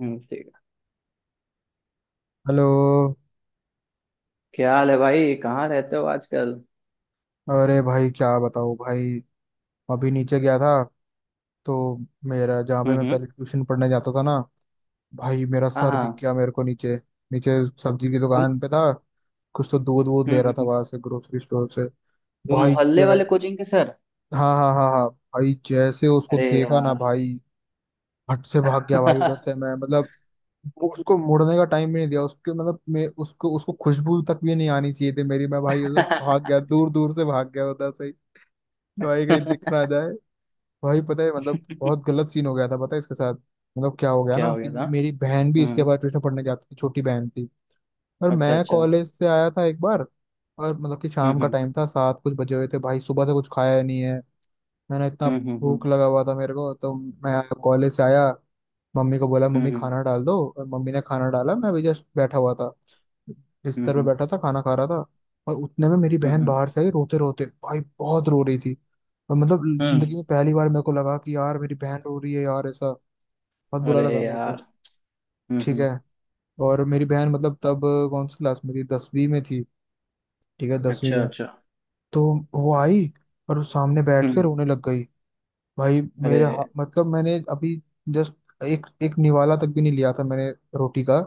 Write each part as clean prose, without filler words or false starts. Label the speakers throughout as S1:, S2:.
S1: ठीक है।
S2: हेलो।
S1: क्या हाल है भाई? कहाँ रहते हो आजकल?
S2: अरे भाई क्या बताओ भाई, अभी नीचे गया था। तो मेरा जहाँ पे मैं
S1: हम्म।
S2: पहले ट्यूशन पढ़ने जाता था ना, भाई मेरा
S1: हाँ
S2: सर दिख
S1: हाँ।
S2: गया मेरे को नीचे। नीचे सब्जी की
S1: तुम।
S2: दुकान पे था, कुछ तो दूध वूध ले रहा था
S1: हम्म।
S2: वहां से, ग्रोसरी स्टोर से।
S1: वो
S2: भाई
S1: मोहल्ले
S2: जय।
S1: वाले कोचिंग के सर।
S2: हाँ हाँ हाँ हाँ, भाई जैसे उसको
S1: अरे
S2: देखा ना
S1: यार।
S2: भाई, हट से भाग गया भाई उधर से। मैं मतलब वो उसको मुड़ने का टाइम भी नहीं दिया उसके। मतलब मैं उसको उसको खुशबू तक भी नहीं आनी चाहिए थी मेरी। मैं भाई उधर भाग गया, दूर दूर से भाग गया उधर से ही। भाई कहीं दिख ना जाए। भाई पता है, मतलब बहुत गलत सीन हो गया था, पता है इसके साथ। मतलब क्या हो गया
S1: क्या
S2: ना
S1: हो
S2: कि
S1: गया था?
S2: मेरी बहन भी इसके
S1: हम्म।
S2: बाद ट्यूशन पढ़ने जाती थी, छोटी बहन थी। और
S1: अच्छा
S2: मैं
S1: अच्छा।
S2: कॉलेज से आया था एक बार। और मतलब कि शाम का टाइम था, 7 कुछ बजे हुए थे। भाई सुबह से कुछ खाया नहीं है मैंने, इतना
S1: हम्म।
S2: भूख लगा हुआ था मेरे को। तो मैं कॉलेज से आया, मम्मी को बोला मम्मी
S1: हम्म।
S2: खाना डाल दो, और मम्मी ने खाना डाला। मैं अभी जस्ट बैठा हुआ था, बिस्तर पे
S1: हम्म।
S2: बैठा था खाना खा रहा था। और उतने में मेरी
S1: हम्म
S2: बहन
S1: हम्म,
S2: बाहर से आई रोते रोते, भाई बहुत रो रही थी। और मतलब जिंदगी
S1: हम्म।
S2: में पहली बार मेरे को लगा कि यार मेरी बहन रो रही है यार, ऐसा बहुत बुरा
S1: अरे
S2: लगा मेरे
S1: यार।
S2: को। ठीक
S1: हम्म।
S2: है। और मेरी बहन मतलब तब कौन सी क्लास में थी, दसवीं में थी, ठीक है दसवीं
S1: अच्छा
S2: में।
S1: अच्छा।
S2: तो वो आई और सामने बैठ के रोने
S1: हम्म।
S2: लग गई।
S1: अरे।
S2: मतलब मैंने अभी जस्ट एक एक निवाला तक भी नहीं लिया था मैंने, रोटी का।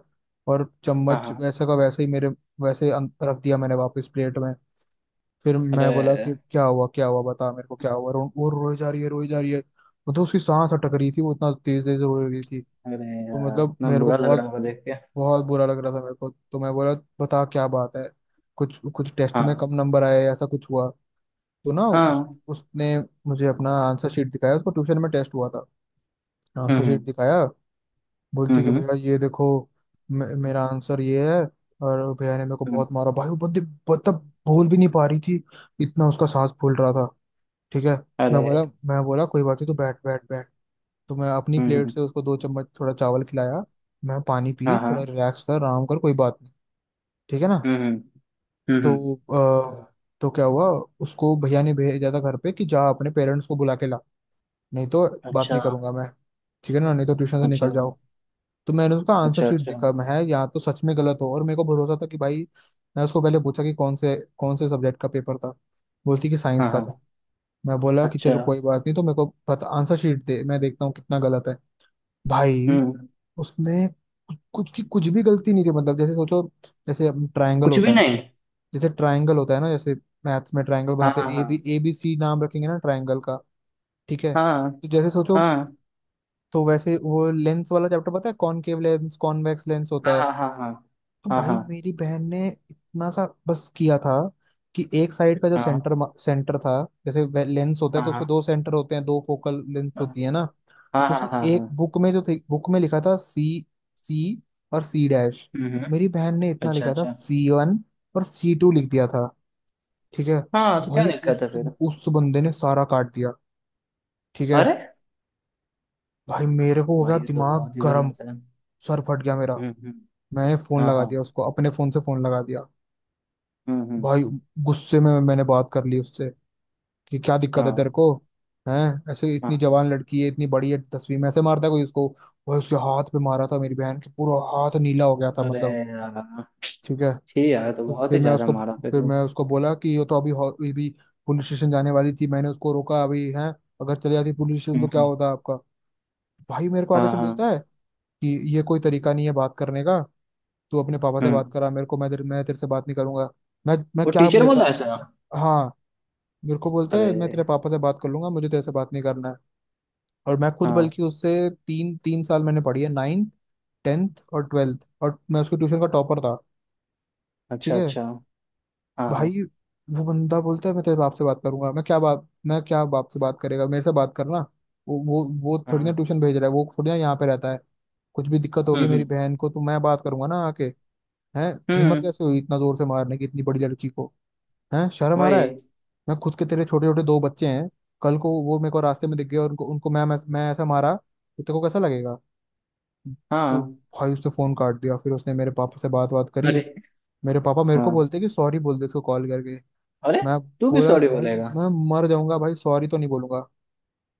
S2: और
S1: हाँ
S2: चम्मच
S1: हाँ।
S2: वैसे का वैसे ही मेरे, रख दिया मैंने वापस प्लेट में। फिर मैं बोला
S1: अरे।
S2: कि क्या हुआ क्या हुआ, बता मेरे को क्या हुआ। वो रोई जा रही है, रोई जा रही है। मतलब उसकी सांस अटक रही थी, वो इतना तेज तेज रो रही थी।
S1: अरे
S2: तो
S1: यार,
S2: मतलब
S1: इतना
S2: मेरे को
S1: बुरा लग रहा
S2: बहुत
S1: होगा देख के।
S2: बहुत बुरा लग रहा था मेरे को। तो मैं बोला बता क्या बात है, कुछ कुछ टेस्ट में
S1: हाँ
S2: कम नंबर आया है, ऐसा कुछ हुआ? तो ना उस
S1: हाँ।
S2: उसने मुझे अपना आंसर शीट दिखाया, उसको ट्यूशन में टेस्ट हुआ था। आंसर शीट
S1: हम्म
S2: दिखाया,
S1: हम्म।
S2: बोलती कि भैया ये देखो, मेरा आंसर ये है, और भैया ने मेरे को
S1: हम्म,
S2: बहुत मारा। भाई वो बंदी मतलब बोल भी नहीं पा रही थी, इतना उसका सांस फूल रहा था, ठीक है। मैं
S1: अरे।
S2: बोला मैं बोला कोई बात नहीं, तो बैठ बैठ बैठ। तो मैं अपनी
S1: हम्म
S2: प्लेट
S1: हम्म,
S2: से उसको 2 चम्मच थोड़ा चावल खिलाया। मैं पानी पी,
S1: हाँ
S2: थोड़ा
S1: हाँ।
S2: रिलैक्स कर, आराम कर, कोई बात नहीं, ठीक है ना।
S1: हम्म। हम्म हम्म,
S2: तो अ, तो क्या हुआ, उसको भैया ने भेजा था घर पे कि जा अपने पेरेंट्स को बुला के ला, नहीं तो बात
S1: अच्छा
S2: नहीं करूंगा मैं, ठीक है ना, नहीं तो ट्यूशन से
S1: अच्छा।
S2: निकल जाओ। तो मैंने उसका आंसर
S1: अच्छा
S2: शीट
S1: अच्छा।
S2: देखा, मैं है या तो सच में गलत हो, और मेरे को भरोसा था कि भाई मैं उसको पहले पूछा कि कौन से सब्जेक्ट का पेपर था, बोलती कि साइंस
S1: हाँ
S2: का था।
S1: हाँ।
S2: मैं बोला कि
S1: अच्छा।
S2: चलो कोई बात नहीं, तो मेरे को पता आंसर शीट दे, मैं देखता हूँ कितना गलत है। भाई
S1: हम्म।
S2: उसने कुछ कुछ की कुछ भी गलती नहीं की। मतलब जैसे सोचो, जैसे ट्रायंगल
S1: कुछ
S2: होता
S1: भी
S2: है,
S1: नहीं।
S2: जैसे ट्रायंगल होता है ना, जैसे मैथ्स में ट्रायंगल
S1: हाँ
S2: बनाते हैं,
S1: हाँ
S2: ए बी सी नाम रखेंगे ना ट्रायंगल का, ठीक है।
S1: हाँ।
S2: तो जैसे सोचो,
S1: हाँ
S2: तो वैसे वो लेंस वाला चैप्टर, पता है कॉनकेव लेंस कॉन्वेक्स लेंस होता
S1: हाँ
S2: है।
S1: हाँ हाँ। हाँ
S2: तो
S1: हाँ हाँ।
S2: भाई
S1: हाँ
S2: मेरी बहन ने इतना सा बस किया था कि एक साइड का जो सेंटर सेंटर था, जैसे लेंस होता
S1: हाँ
S2: है तो
S1: हाँ
S2: उसके
S1: हाँ।
S2: दो सेंटर होते हैं, दो फोकल लेंथ होती है ना।
S1: हाँ
S2: तो
S1: हाँ
S2: उसने
S1: हाँ
S2: एक
S1: हाँ।
S2: बुक में जो थी बुक में लिखा था सी, सी और सी डैश।
S1: हम्म हम्म,
S2: मेरी बहन ने इतना
S1: अच्छा
S2: लिखा था
S1: अच्छा।
S2: सी वन और सी टू लिख दिया था, ठीक है।
S1: हाँ, तो क्या
S2: भाई
S1: दिक्कत है फिर?
S2: उस बंदे ने सारा काट दिया, ठीक है।
S1: अरे।
S2: भाई मेरे को हो गया
S1: भाई ये तो
S2: दिमाग
S1: बहुत ही
S2: गर्म,
S1: गलत है।
S2: सर फट गया मेरा।
S1: हम्म।
S2: मैंने फोन
S1: हाँ
S2: लगा
S1: हाँ।
S2: दिया उसको, अपने फोन से फोन लगा दिया।
S1: हम्म।
S2: भाई गुस्से में मैंने बात कर ली उससे कि क्या दिक्कत है तेरे
S1: हाँ
S2: को, हैं? ऐसे इतनी
S1: हाँ।
S2: जवान लड़की है, इतनी बड़ी है दसवीं में, ऐसे मारता है कोई उसको? भाई उसके हाथ पे मारा था, मेरी बहन के पूरा हाथ नीला हो गया था
S1: अरे
S2: मतलब,
S1: यार।
S2: ठीक है।
S1: ठीक यार, तो
S2: तो
S1: बहुत
S2: फिर
S1: ही
S2: मैं
S1: ज्यादा
S2: उसको
S1: मारा फिर
S2: फिर
S1: वो।
S2: मैं उसको बोला कि ये तो ये भी पुलिस स्टेशन जाने वाली थी, मैंने उसको रोका अभी है। अगर चली जाती पुलिस स्टेशन
S1: हम्म
S2: तो क्या
S1: हम्म,
S2: होता आपका? भाई मेरे को आगे
S1: हाँ
S2: से
S1: हाँ।
S2: बोलता है कि ये कोई तरीका नहीं है बात करने का, तू अपने पापा से बात
S1: हम्म।
S2: करा मेरे को, मैं तेरे से बात नहीं करूंगा। मैं
S1: वो
S2: क्या
S1: टीचर बोला ऐसा?
S2: हाँ, मेरे को बोलता
S1: अरे।
S2: है मैं तेरे पापा से बात कर लूंगा, मुझे तेरे से बात नहीं करना है। और मैं खुद
S1: हाँ।
S2: बल्कि उससे तीन तीन साल मैंने पढ़ी है, नाइन्थ, टेंथ और ट्वेल्थ, और मैं उसके ट्यूशन का टॉपर था, ठीक
S1: अच्छा
S2: है।
S1: अच्छा। हाँ हाँ।
S2: भाई वो बंदा बोलता है मैं तेरे बाप से बात करूंगा, मैं क्या बाप, मैं क्या बाप से बात करेगा, मेरे से बात करना। वो थोड़ी ना
S1: हाँ।
S2: ट्यूशन भेज रहा है, वो थोड़ी ना यहाँ पे रहता है। कुछ भी दिक्कत होगी
S1: हम्म।
S2: मेरी बहन को तो मैं बात करूंगा ना आके। हैं? हिम्मत
S1: हम्म,
S2: कैसे हुई इतना जोर से मारने की, इतनी बड़ी लड़की को, हैं? शर्म आ रहा है।
S1: वही।
S2: मैं खुद के तेरे छोटे छोटे दो बच्चे हैं, कल को वो मेरे को रास्ते में दिख गए और उनको, उनको मैं ऐसा मारा तो तेरे को कैसा लगेगा? तो
S1: हाँ।
S2: भाई उसने फोन काट दिया, फिर उसने मेरे पापा से बात बात करी।
S1: अरे।
S2: मेरे पापा मेरे को
S1: हाँ।
S2: बोलते कि सॉरी बोल दे उसको कॉल करके।
S1: अरे,
S2: मैं
S1: तू भी
S2: बोला
S1: सॉरी
S2: भाई
S1: बोलेगा?
S2: मैं मर जाऊंगा भाई, सॉरी तो नहीं बोलूंगा।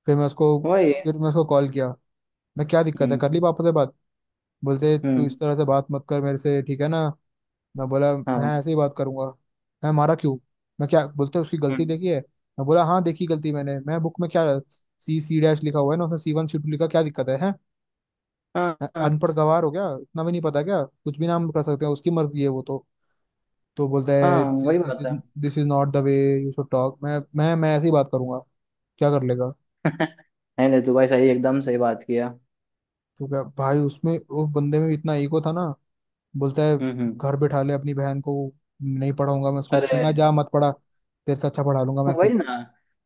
S2: फिर मैं उसको
S1: वही।
S2: फिर मैं उसको कॉल किया, मैं क्या दिक्कत है? कर
S1: हम्म
S2: ली पापा से बात? बोलते तू
S1: हम्म।
S2: इस तरह से बात मत कर मेरे से, ठीक है ना। मैं बोला
S1: हाँ
S2: मैं
S1: हाँ।
S2: ऐसे ही बात करूंगा, मैं मारा क्यों? मैं क्या बोलते, उसकी गलती
S1: हम्म,
S2: देखी है? मैं बोला हाँ देखी गलती मैंने, मैं बुक में क्या सी सी डैश लिखा हुआ है ना, उसमें सी वन सी टू लिखा, क्या दिक्कत है, हैं?
S1: हाँ
S2: मैं
S1: हाँ।
S2: अनपढ़ गवार हो गया, इतना भी नहीं पता, क्या कुछ भी नाम कर सकते हैं, उसकी मर्जी है वो तो। तो बोलता
S1: हाँ,
S2: है
S1: वही बात है।
S2: This is not the way you should talk, मैं मैं ऐसे ही बात करूंगा, क्या कर लेगा?
S1: नहीं नहीं, तू भाई सही, एकदम सही बात किया।
S2: तो क्या भाई उसमें उस बंदे में भी इतना ईगो था ना, बोलता है
S1: हम्म।
S2: घर बैठा ले अपनी बहन को, नहीं पढ़ाऊंगा मैं उसको ट्यूशन,
S1: अरे,
S2: मैं जा, मत पढ़ा, तेरे से अच्छा पढ़ा लूंगा मैं
S1: वही
S2: खुद,
S1: ना।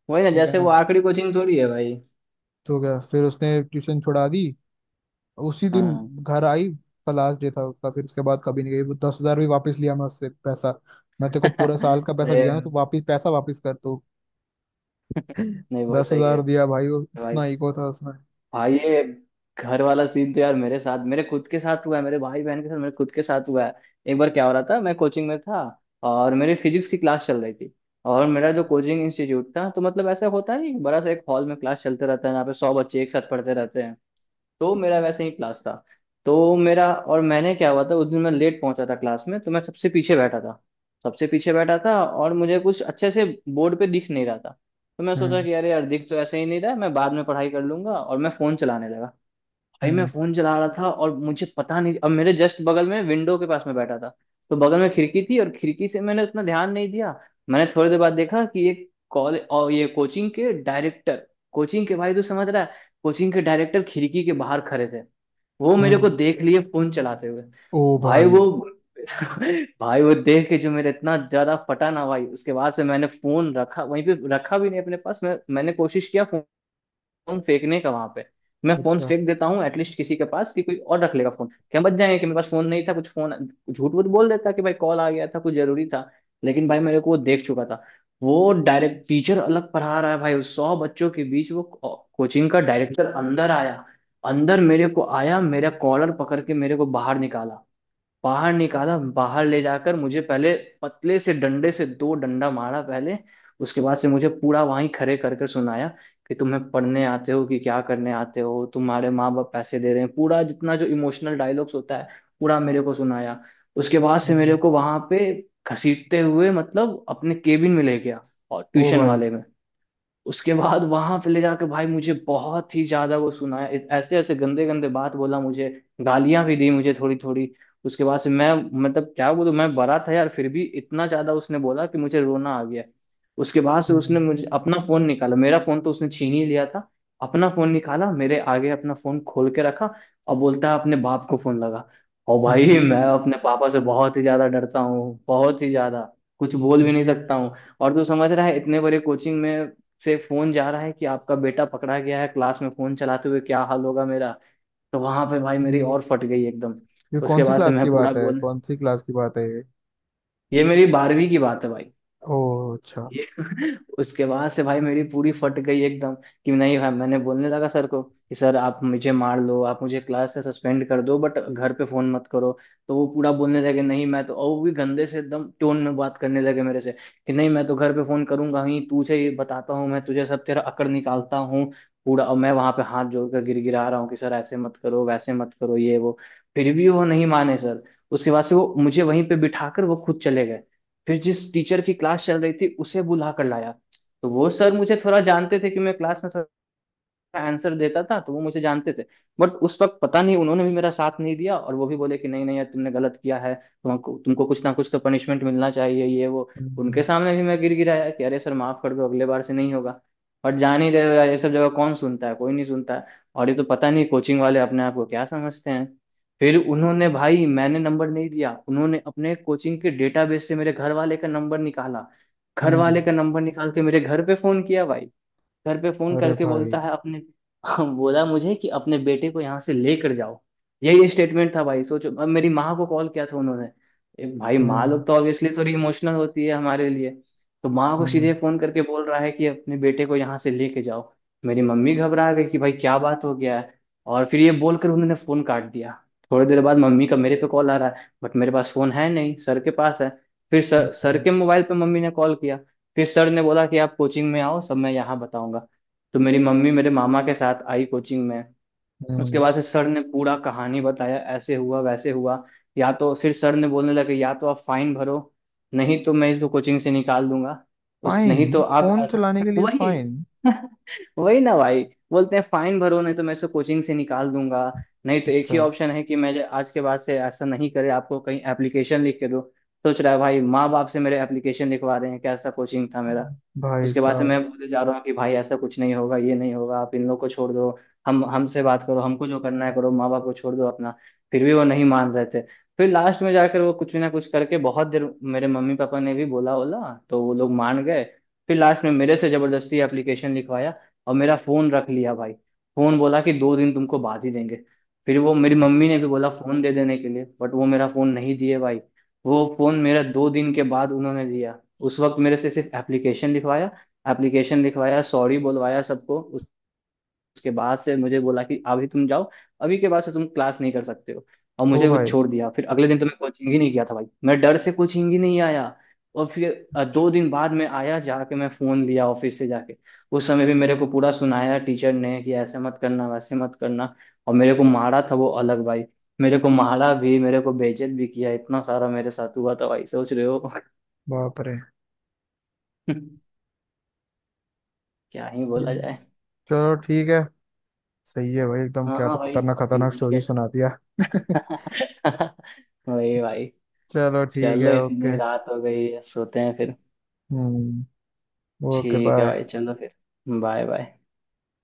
S1: वही ना,
S2: ठीक है
S1: जैसे
S2: ना।
S1: वो आखिरी कोचिंग थोड़ी है भाई।
S2: तो क्या, फिर उसने ट्यूशन छुड़ा दी उसी दिन,
S1: हाँ।
S2: घर आई। उसका लास्ट डे था उसका, फिर उसके बाद कभी नहीं गई वो। 10 हज़ार भी वापस लिया मैं उससे पैसा, मैं तेरे को पूरा साल का पैसा दिया ना, तो
S1: नहीं,
S2: वापस पैसा वापस कर तू।
S1: नहीं बहुत
S2: दस
S1: सही है
S2: हजार दिया भाई, वो
S1: भाई।
S2: इतना ईगो था उसमें।
S1: हाँ, ये घर वाला सीन तो यार मेरे साथ, मेरे खुद के साथ हुआ है। मेरे भाई बहन के साथ, मेरे खुद के साथ हुआ है। एक बार क्या हो रहा था, मैं कोचिंग में था, और मेरी फिजिक्स की क्लास चल रही थी। और मेरा जो कोचिंग इंस्टीट्यूट था, तो मतलब ऐसा होता नहीं, बड़ा सा एक हॉल में क्लास चलते रहता है, यहाँ पे सौ बच्चे एक साथ पढ़ते रहते हैं। तो मेरा वैसे ही क्लास था। तो मेरा, और मैंने क्या हुआ था, उस दिन मैं लेट पहुंचा था क्लास में, तो मैं सबसे पीछे बैठा था। सबसे पीछे बैठा था, और मुझे कुछ अच्छे से बोर्ड पे दिख नहीं रहा था। तो मैं सोचा
S2: हम्म
S1: कि अरे यार, दिख तो ऐसे ही नहीं रहा है, मैं बाद में पढ़ाई कर लूंगा, और मैं फोन चलाने लगा। भाई मैं
S2: हम्म
S1: फोन चला रहा था, और मुझे पता नहीं, अब मेरे जस्ट बगल में विंडो के पास में बैठा था। तो बगल में खिड़की थी, और खिड़की से मैंने उतना ध्यान नहीं दिया। मैंने थोड़ी देर बाद देखा कि एक कॉलेज, और ये कोचिंग के डायरेक्टर, कोचिंग के, भाई तू समझ रहा है, कोचिंग के डायरेक्टर खिड़की के बाहर खड़े थे। वो मेरे को
S2: हम्म।
S1: देख लिए फोन चलाते हुए।
S2: ओ
S1: भाई
S2: भाई,
S1: वो, भाई वो देख के जो मेरा इतना ज्यादा फटा ना भाई, उसके बाद से मैंने फोन रखा, वहीं पे रखा, भी नहीं अपने पास। मैं, मैंने कोशिश किया फोन फेंकने का वहां पे। मैं फोन
S2: अच्छा।
S1: फेंक देता हूँ एटलीस्ट किसी के पास कि कोई और रख लेगा फोन, क्या बच जाएंगे कि मेरे पास फोन नहीं था, कुछ फोन। झूठ वूठ बोल देता कि भाई कॉल आ गया था, कुछ जरूरी था। लेकिन भाई मेरे को वो देख चुका था। वो डायरेक्ट टीचर अलग पढ़ा रहा है भाई, उस सौ बच्चों के बीच वो कोचिंग का डायरेक्टर अंदर आया। अंदर मेरे को आया, मेरा कॉलर पकड़ के मेरे को बाहर निकाला। बाहर निकाला, बाहर ले जाकर मुझे पहले पतले से डंडे से दो डंडा मारा पहले। उसके बाद से मुझे पूरा वहीं खड़े कर कर सुनाया कि तुम्हें पढ़ने आते हो कि क्या करने आते हो? तुम्हारे माँ बाप पैसे दे रहे हैं, पूरा जितना जो इमोशनल डायलॉग्स होता है, पूरा मेरे को सुनाया। उसके बाद से मेरे
S2: हम्म।
S1: को वहां पे घसीटते हुए मतलब अपने केबिन में ले गया, और
S2: ओ
S1: ट्यूशन
S2: भाई।
S1: वाले में। उसके बाद वहां पे ले जाकर भाई मुझे बहुत ही ज्यादा वो सुनाया। ऐसे ऐसे गंदे गंदे बात बोला मुझे। गालियां भी दी मुझे थोड़ी थोड़ी। उसके बाद से मैं, मतलब क्या बोलूं, मैं बड़ा था यार, फिर भी इतना ज्यादा उसने बोला कि मुझे रोना आ गया। उसके बाद से उसने
S2: हम्म
S1: मुझे अपना फोन निकाला, मेरा फोन तो उसने छीन ही लिया था। अपना फोन निकाला, मेरे आगे अपना फोन खोल के रखा, और बोलता है अपने बाप को फोन लगा। और
S2: हम्म
S1: भाई मैं अपने पापा से बहुत ही ज्यादा डरता हूँ, बहुत ही ज्यादा। कुछ बोल भी नहीं सकता हूँ। और तू समझ रहा है, इतने बड़े कोचिंग में से फोन जा रहा है कि आपका बेटा पकड़ा गया है क्लास में फोन चलाते हुए, क्या हाल होगा मेरा। तो वहां पे भाई मेरी
S2: हम्म।
S1: और फट गई एकदम।
S2: ये कौन
S1: उसके
S2: सी
S1: बाद से
S2: क्लास
S1: मैं
S2: की
S1: पूरा
S2: बात है,
S1: बोल,
S2: कौन सी क्लास की बात है ये?
S1: ये मेरी बारहवीं की बात है भाई।
S2: ओ, अच्छा।
S1: ये उसके बाद से भाई मेरी पूरी फट गई एकदम कि नहीं भाई। मैंने बोलने लगा सर को कि सर आप मुझे मार लो, आप मुझे क्लास से सस्पेंड कर दो, बट घर पे फोन मत करो। तो वो पूरा बोलने लगे नहीं मैं तो, और वो भी गंदे से एकदम टोन में बात करने लगे मेरे से कि नहीं मैं तो घर पे फोन करूंगा ही, तुझे ये बताता हूँ मैं, तुझे सब तेरा अकड़ निकालता हूँ पूरा। और मैं वहां पे हाथ जोड़कर गिड़गिड़ा रहा हूँ कि सर ऐसे मत करो, वैसे मत करो, ये वो। फिर भी वो नहीं माने सर। उसके बाद से वो मुझे वहीं पे बिठाकर वो खुद चले गए। फिर जिस टीचर की क्लास चल रही थी उसे बुला कर लाया। तो वो सर मुझे थोड़ा जानते थे कि मैं क्लास में आंसर देता था, तो वो मुझे जानते थे। बट उस वक्त पता नहीं, उन्होंने भी मेरा साथ नहीं दिया, और वो भी बोले कि नहीं नहीं यार, तुमने गलत किया है, तुमको तुमको कुछ ना कुछ तो पनिशमेंट मिलना चाहिए, ये वो। उनके
S2: हम्म
S1: सामने भी मैं गिर गिराया कि अरे सर, माफ कर दो, अगले बार से नहीं होगा। और जान ही रहे हो यार, ये सब जगह कौन सुनता है, कोई नहीं सुनता है। और ये तो पता नहीं कोचिंग वाले अपने आप को क्या समझते हैं। फिर उन्होंने, भाई मैंने नंबर नहीं दिया, उन्होंने अपने कोचिंग के डेटाबेस से मेरे घर वाले का नंबर निकाला। घर
S2: हम्म।
S1: वाले का नंबर निकाल के मेरे घर पे फोन किया भाई। घर पे फोन
S2: अरे
S1: करके
S2: भाई।
S1: बोलता है अपने, बोला मुझे कि अपने बेटे को यहाँ से लेकर जाओ। यही स्टेटमेंट था भाई, सोचो। अब मेरी माँ को कॉल किया था उन्होंने, एक भाई। माँ
S2: हम्म
S1: लोग तो ऑब्वियसली थोड़ी इमोशनल होती है हमारे लिए। तो माँ को
S2: हम्म
S1: सीधे फोन करके बोल रहा है कि अपने बेटे को यहाँ से लेके जाओ। मेरी मम्मी घबरा गई कि भाई क्या बात हो गया है। और फिर ये बोलकर उन्होंने फोन काट दिया। थोड़ी देर बाद मम्मी का मेरे पे कॉल आ रहा है, बट मेरे पास फोन है नहीं, सर के पास है। फिर सर, सर
S2: हम्म।
S1: के मोबाइल पे मम्मी ने कॉल किया। फिर सर ने बोला कि आप कोचिंग में आओ, सब मैं यहाँ बताऊंगा। तो मेरी मम्मी मेरे मामा के साथ आई कोचिंग में। उसके बाद से सर ने पूरा कहानी बताया, ऐसे हुआ वैसे हुआ। या तो फिर सर ने बोलने लगे, या तो आप फाइन भरो, नहीं तो मैं इसको कोचिंग से निकाल दूंगा। उस,
S2: फाइन?
S1: नहीं तो आप
S2: फोन
S1: ऐसा,
S2: चलाने के लिए
S1: वही।
S2: फाइन?
S1: वही ना भाई। बोलते हैं फाइन भरो, नहीं तो मैं इसको कोचिंग से निकाल दूंगा। नहीं तो एक ही
S2: अच्छा,
S1: ऑप्शन है कि मैं आज के बाद से ऐसा नहीं करे, आपको कहीं एप्लीकेशन लिख के दो। सोच रहा है भाई, माँ बाप से मेरे एप्लीकेशन लिखवा रहे हैं, कैसा कोचिंग था मेरा।
S2: भाई
S1: उसके बाद से
S2: साहब।
S1: मैं बोले जा रहा हूँ कि भाई ऐसा कुछ नहीं होगा, ये नहीं होगा, आप इन लोग को छोड़ दो। हम, हमसे बात करो, हमको जो करना है करो, माँ बाप को छोड़ दो अपना। फिर भी वो नहीं मान रहे थे। फिर लास्ट में जाकर वो कुछ ना कुछ करके, बहुत देर मेरे मम्मी पापा ने भी बोला बोला, तो वो लोग मान गए। फिर लास्ट में मेरे से जबरदस्ती एप्लीकेशन लिखवाया, और मेरा फोन रख लिया भाई। फोन बोला कि दो दिन तुमको बाद ही देंगे। फिर वो, मेरी मम्मी
S2: अब-
S1: ने भी बोला फोन दे देने के लिए, बट वो मेरा फोन नहीं दिए भाई। वो फोन मेरा दो दिन के बाद उन्होंने दिया। उस वक्त मेरे से सिर्फ एप्लीकेशन लिखवाया। एप्लीकेशन लिखवाया, सॉरी बुलवाया सबको। उसके बाद से मुझे बोला कि अभी तुम जाओ, अभी के बाद से तुम क्लास नहीं कर सकते हो। और
S2: ओ
S1: मुझे वो
S2: भाई।
S1: छोड़ दिया। फिर अगले दिन तो मैं कोचिंग ही नहीं किया था भाई, मैं डर से कोचिंग ही नहीं आया। और फिर दो दिन बाद में आया, जाके मैं फोन लिया ऑफिस से जाके। उस समय भी मेरे को पूरा सुनाया टीचर ने कि ऐसे मत करना, वैसे मत करना। और मेरे को मारा था वो अलग भाई। मेरे को मारा भी, मेरे को बेइज्जत भी किया, इतना सारा मेरे साथ हुआ था भाई, सोच रहे हो।
S2: बाप रे।
S1: क्या ही बोला
S2: हम्म,
S1: जाए।
S2: चलो ठीक है। सही है भाई एकदम,
S1: हाँ
S2: क्या
S1: हाँ
S2: तो
S1: भाई,
S2: खतरनाक खतरनाक
S1: ठीक
S2: स्टोरी
S1: है।
S2: सुना दिया।
S1: वही भाई।
S2: चलो ठीक
S1: चलो
S2: है,
S1: इतनी
S2: ओके।
S1: रात हो गई है, सोते हैं फिर।
S2: हम्म। ओके
S1: ठीक है
S2: बाय।
S1: भाई, चलो फिर। Bye bye.